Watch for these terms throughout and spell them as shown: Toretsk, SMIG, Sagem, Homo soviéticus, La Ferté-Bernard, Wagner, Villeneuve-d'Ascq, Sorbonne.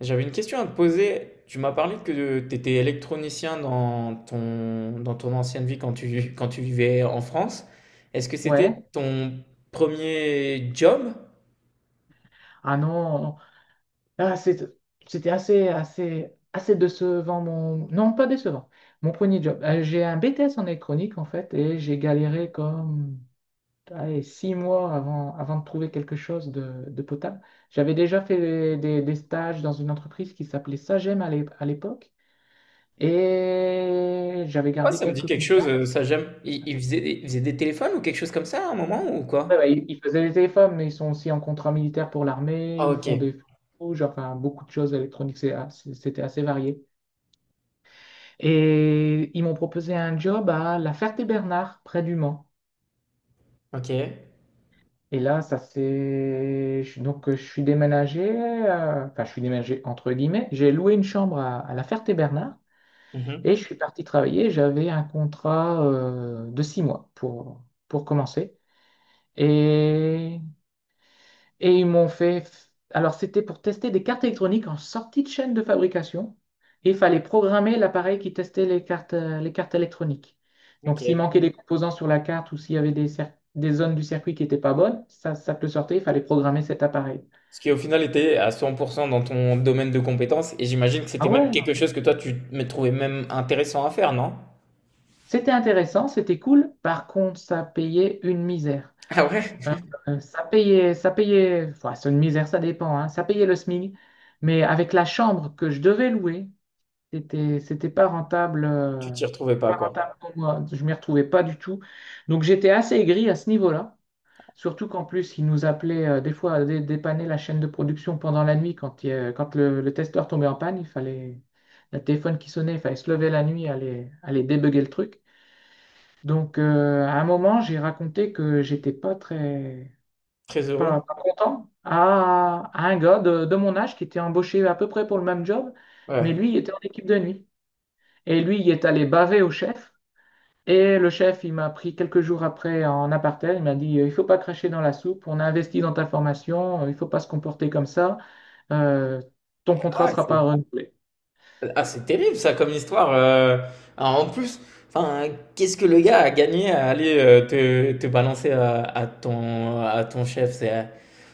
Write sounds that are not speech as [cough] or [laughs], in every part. J'avais une question à te poser. Tu m'as parlé que tu étais électronicien dans ton ancienne vie quand tu vivais en France. Est-ce que c'était Ouais. ton premier job? Ah non. Ah, c'était assez décevant. Mon... Non, pas décevant. Mon premier job. J'ai un BTS en électronique, en fait, et j'ai galéré comme allez, 6 mois avant de trouver quelque chose de potable. J'avais déjà fait des stages dans une entreprise qui s'appelait Sagem à l'époque, et j'avais Pourquoi gardé ça me dit quelques quelque chose, contacts. ça j'aime. Il faisait, il faisait des téléphones ou quelque chose comme ça à un moment ou Ouais, quoi? ouais, ils faisaient des téléphones, mais ils sont aussi en contrat militaire pour l'armée, Ah ils ok, font des... Genre, enfin, beaucoup de choses électroniques, c'était assez varié. Et ils m'ont proposé un job à La Ferté-Bernard, près du Mans. ok. Et là, ça c'est... Donc, je suis déménagé, enfin, je suis déménagé entre guillemets. J'ai loué une chambre à La Ferté-Bernard et Mhm. je suis parti travailler. J'avais un contrat de 6 mois pour commencer. Et Et ils m'ont fait. Alors, c'était pour tester des cartes électroniques en sortie de chaîne de fabrication. Et il fallait programmer l'appareil qui testait les cartes électroniques. Donc, s'il Ok. manquait des composants sur la carte ou s'il y avait des zones du circuit qui n'étaient pas bonnes, ça te le sortait, il fallait programmer cet appareil. Ce qui au final était à 100% dans ton domaine de compétences et j'imagine que Ah c'était même ouais, quelque non, chose que toi tu me trouvais même intéressant à faire, non? c'était intéressant, c'était cool. Par contre, ça payait une misère. Ah ouais? Euh, ça payait, enfin, c'est une misère, ça dépend, hein. Ça payait le SMIG. Mais avec la chambre que je devais louer, c'était pas rentable, Tu t'y retrouvais pas pas quoi. rentable pour moi. Je m'y retrouvais pas du tout. Donc j'étais assez aigri à ce niveau-là. Surtout qu'en plus, ils nous appelaient des fois à dépanner la chaîne de production pendant la nuit quand, quand le testeur tombait en panne. Il fallait le téléphone qui sonnait, il fallait se lever la nuit, aller débugger le truc. Donc, à un moment, j'ai raconté que j'étais pas très Très heureux. Pas content à un gars de mon âge qui était embauché à peu près pour le même job, mais Ouais. lui il était en équipe de nuit. Et lui, il est allé baver au chef. Et le chef, il m'a pris quelques jours après en aparté. Il m'a dit, il faut pas cracher dans la soupe. On a investi dans ta formation. Il faut pas se comporter comme ça. Euh, ton contrat Ah, sera pas c'est renouvelé. ah, c'est terrible ça comme histoire. Alors, en plus, enfin, qu'est-ce que le gars a gagné à aller te, te balancer à ton chef?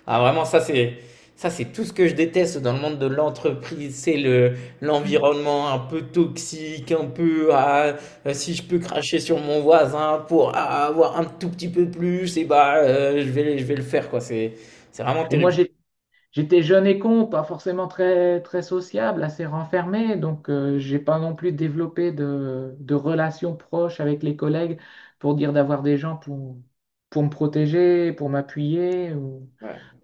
Ah, vraiment, ça c'est tout ce que je déteste dans le monde de l'entreprise. C'est le, Mm. l'environnement un peu toxique, un peu, ah, si je peux cracher sur mon voisin pour ah, avoir un tout petit peu plus, et bah, je vais le faire quoi. C'est vraiment Et moi, terrible. J'étais jeune et con, pas forcément très, très sociable, assez renfermé, donc, j'ai pas non plus développé de relations proches avec les collègues pour dire d'avoir des gens pour me protéger, pour m'appuyer.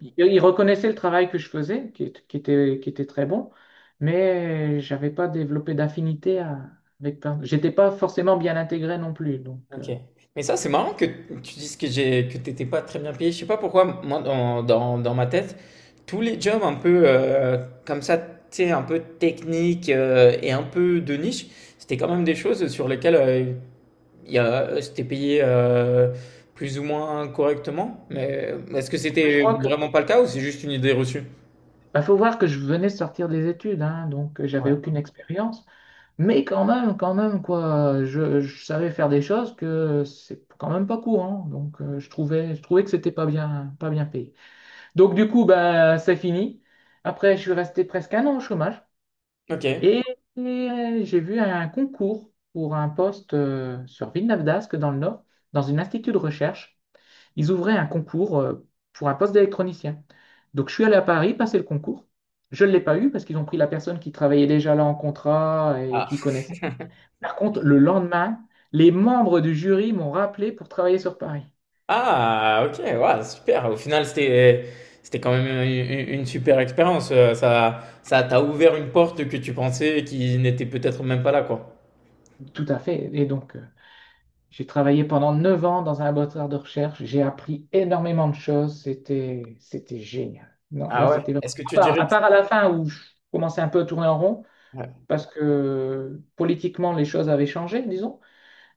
Ils reconnaissaient le travail que je faisais, qui était très bon, mais j'avais pas développé avec plein. J'étais pas forcément bien intégré non plus, donc, OK. Mais ça, c'est marrant que tu dises que j'ai que t'étais pas très bien payé. Je sais pas pourquoi, moi, dans ma tête, tous les jobs un peu comme ça, tu sais, un peu technique et un peu de niche, c'était quand même des choses sur lesquelles il y a, c'était payé plus ou moins correctement. Mais est-ce que je c'était crois que vraiment pas le cas ou c'est juste une idée reçue? bah, faut voir que je venais de sortir des études, hein, donc, Ouais. j'avais aucune expérience. Mais quand même, quoi, je savais faire des choses que c'est quand même pas courant. Donc, je trouvais que c'était pas bien, pas bien payé. Donc, du coup, ben, c'est fini. Après, je suis resté presque un an au chômage OK. et, et j'ai vu un concours pour un poste sur Villeneuve-d'Ascq, dans le Nord, dans une institut de recherche. Ils ouvraient un concours pour un poste d'électronicien. Donc, je suis allé à Paris passer le concours. Je ne l'ai pas eu parce qu'ils ont pris la personne qui travaillait déjà là en contrat et qui connaissait. Par contre, le lendemain, les membres du jury m'ont rappelé pour travailler sur Paris. Ah, ok, ouais, super. Au final, c'était quand même une super expérience. Ça, ça t'a ouvert une porte que tu pensais qui n'était peut-être même pas là, quoi. Tout à fait. Et donc, j'ai travaillé pendant 9 ans dans un laboratoire de recherche. J'ai appris énormément de choses. C'était génial. Non, là, Ah ouais. c'était Est-ce que à tu part, dirais que, à la fin où je commençais un peu à tourner en rond ouais. parce que politiquement, les choses avaient changé, disons.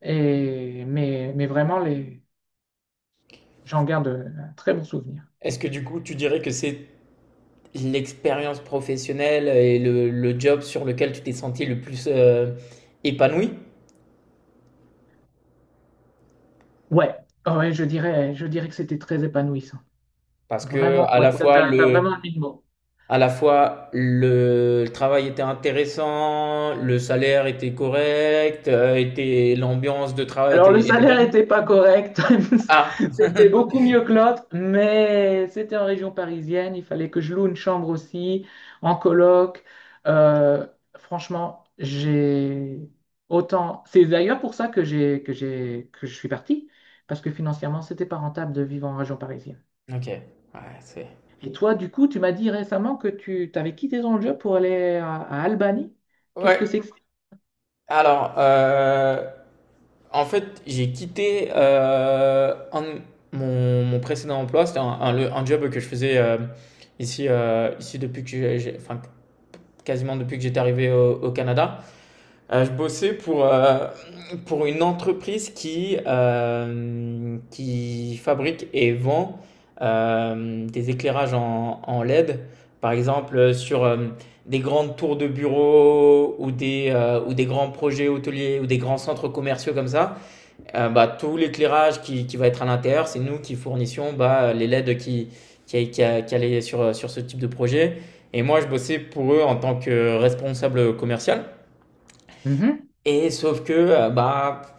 Et, mais vraiment, j'en garde un très bon souvenir. Est-ce que du coup, tu dirais que c'est l'expérience professionnelle et le job sur lequel tu t'es senti le plus épanoui? Ouais, ouais, je dirais que c'était très épanouissant. Parce que Vraiment, à ouais, la ça, fois t'as le, vraiment mis le mot. à la fois le, le travail était intéressant, le salaire était correct, était l'ambiance de travail Alors, le était, était salaire bonne. n'était pas correct. [laughs] Ah, C'était beaucoup mieux que l'autre, mais c'était en région parisienne. Il fallait que je loue une chambre aussi, en coloc. Euh, franchement, j'ai autant. C'est d'ailleurs pour ça que que je suis partie parce que financièrement, c'était pas rentable de vivre en région parisienne. ok. Ouais, c'est. Et toi, du coup, tu m'as dit récemment que tu t'avais quitté ton job pour aller à Albanie. Qu'est-ce que Ouais. c'est que... Alors, en fait, j'ai quitté mon, mon précédent emploi. C'était un job que je faisais ici, ici depuis que enfin, quasiment depuis que j'étais arrivé au, au Canada. Je bossais pour une entreprise qui fabrique et vend des éclairages en, en LED, par exemple sur des grandes tours de bureaux ou des grands projets hôteliers ou des grands centres commerciaux comme ça. Bah, tout l'éclairage qui va être à l'intérieur, c'est nous qui fournissions bah, les LED qui allaient sur, sur ce type de projet. Et moi, je bossais pour eux en tant que responsable commercial. ça? Et sauf que, bah,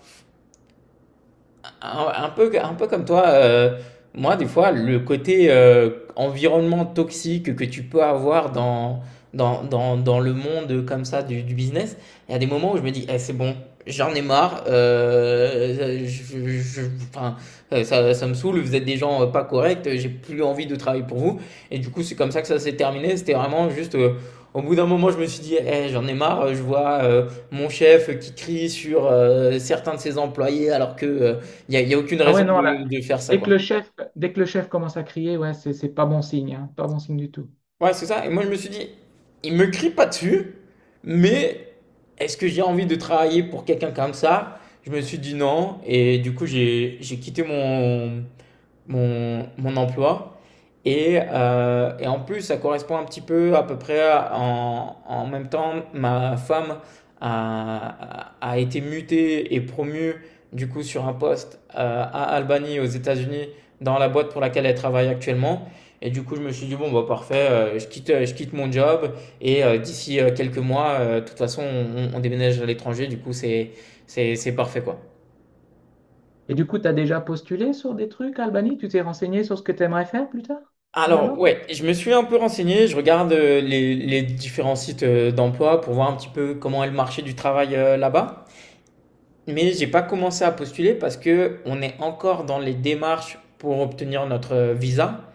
un peu comme toi, moi, des fois, le côté environnement toxique que tu peux avoir dans le monde comme ça du business, il y a des moments où je me dis, eh, c'est bon, j'en ai marre, enfin, ça, ça me saoule, vous êtes des gens pas corrects, j'ai plus envie de travailler pour vous. Et du coup, c'est comme ça que ça s'est terminé. C'était vraiment juste, au bout d'un moment, je me suis dit, eh, j'en ai marre, je vois mon chef qui crie sur certains de ses employés alors que... il y a aucune Ah raison ouais, non, là, de faire ça, quoi. Dès que le chef commence à crier, ouais, c'est pas bon signe, hein, pas bon signe du tout. Ouais, c'est ça. Et moi, je me suis dit, il me crie pas dessus, mais est-ce que j'ai envie de travailler pour quelqu'un comme ça? Je me suis dit non. Et du coup, j'ai quitté mon emploi. Et en plus, ça correspond un petit peu à peu près en même temps, ma femme a été mutée et promue du coup sur un poste à Albany aux États-Unis dans la boîte pour laquelle elle travaille actuellement. Et du coup, je me suis dit, bon, bah parfait, je quitte mon job et d'ici quelques mois, de toute façon, on déménage à l'étranger, du coup, c'est parfait quoi. Et du coup, tu as déjà postulé sur des trucs, Albanie? Tu t'es renseigné sur ce que tu aimerais faire plus tard, Alors, là-bas? ouais, je me suis un peu renseigné, je regarde les différents sites d'emploi pour voir un petit peu comment est le marché du travail là-bas. Mais j'ai pas commencé à postuler parce que on est encore dans les démarches pour obtenir notre visa.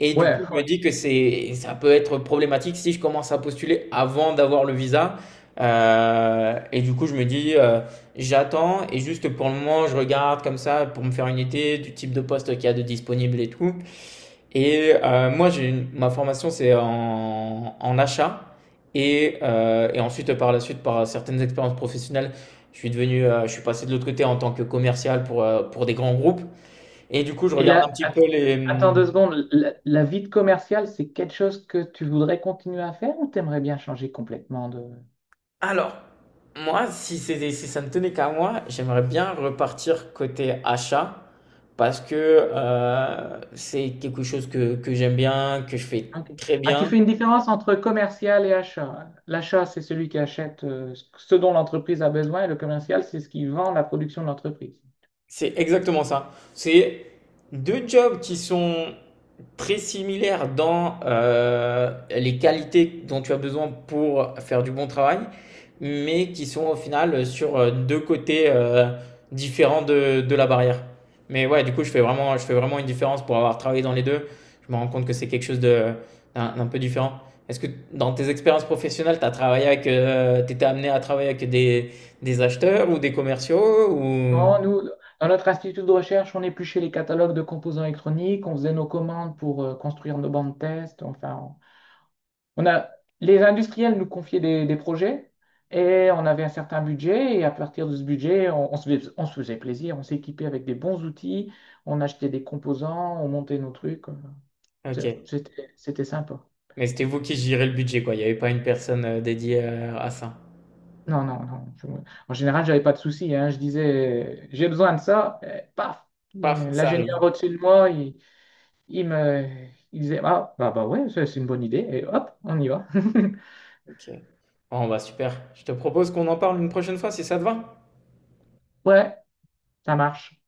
Et du coup, Ouais. je me dis que c'est, ça peut être problématique si je commence à postuler avant d'avoir le visa. Et du coup, je me dis, j'attends et juste pour le moment, je regarde comme ça pour me faire une idée du type de poste qu'il y a de disponible et tout. Et moi, ma formation, c'est en, en achat. Et ensuite, par la suite, par certaines expériences professionnelles, je suis passé de l'autre côté en tant que commercial pour des grands groupes. Et du coup, je Et regarde un là, petit peu les. attends Hmm. 2 secondes, la vie de commercial, c'est quelque chose que tu voudrais continuer à faire ou t'aimerais bien changer complètement de... Alors, moi, si ça ne tenait qu'à moi, j'aimerais bien repartir côté achat parce que c'est quelque chose que j'aime bien, que je fais Ok. très Ah, tu bien. fais une différence entre commercial et achat. L'achat, c'est celui qui achète, ce dont l'entreprise a besoin et le commercial, c'est ce qui vend la production de l'entreprise. C'est exactement ça. C'est deux jobs qui sont très similaires dans les qualités dont tu as besoin pour faire du bon travail, mais qui sont au final sur deux côtés différents de la barrière. Mais ouais, du coup, je fais vraiment une différence pour avoir travaillé dans les deux. Je me rends compte que c'est quelque chose de, d'un peu différent. Est-ce que dans tes expériences professionnelles, t'as travaillé avec, t'étais amené à travailler avec des acheteurs ou des commerciaux ou... Quand nous, dans notre institut de recherche, on épluchait les catalogues de composants électroniques, on faisait nos commandes pour construire nos bancs de test, enfin, On a, les industriels nous confiaient des projets et on avait un certain budget. Et à partir de ce budget, on se faisait plaisir, on s'équipait avec des bons outils, on achetait des composants, on montait nos trucs. Ok. C'était sympa. Mais c'était vous qui gérez le budget, quoi. Il n'y avait pas une personne, dédiée, à ça? Non, non, non. En général, j'avais pas de soucis, hein. Je disais, j'ai besoin de ça, et paf! Paf, ça arrive. L'ingénieur au-dessus de moi, il me, il disait, ah, bah, bah ouais, ça, c'est une bonne idée. Et hop, on y va. [laughs] OK. Bon, bah, super. Je te propose qu'on en parle une prochaine fois si ça te va? Ouais, ça marche.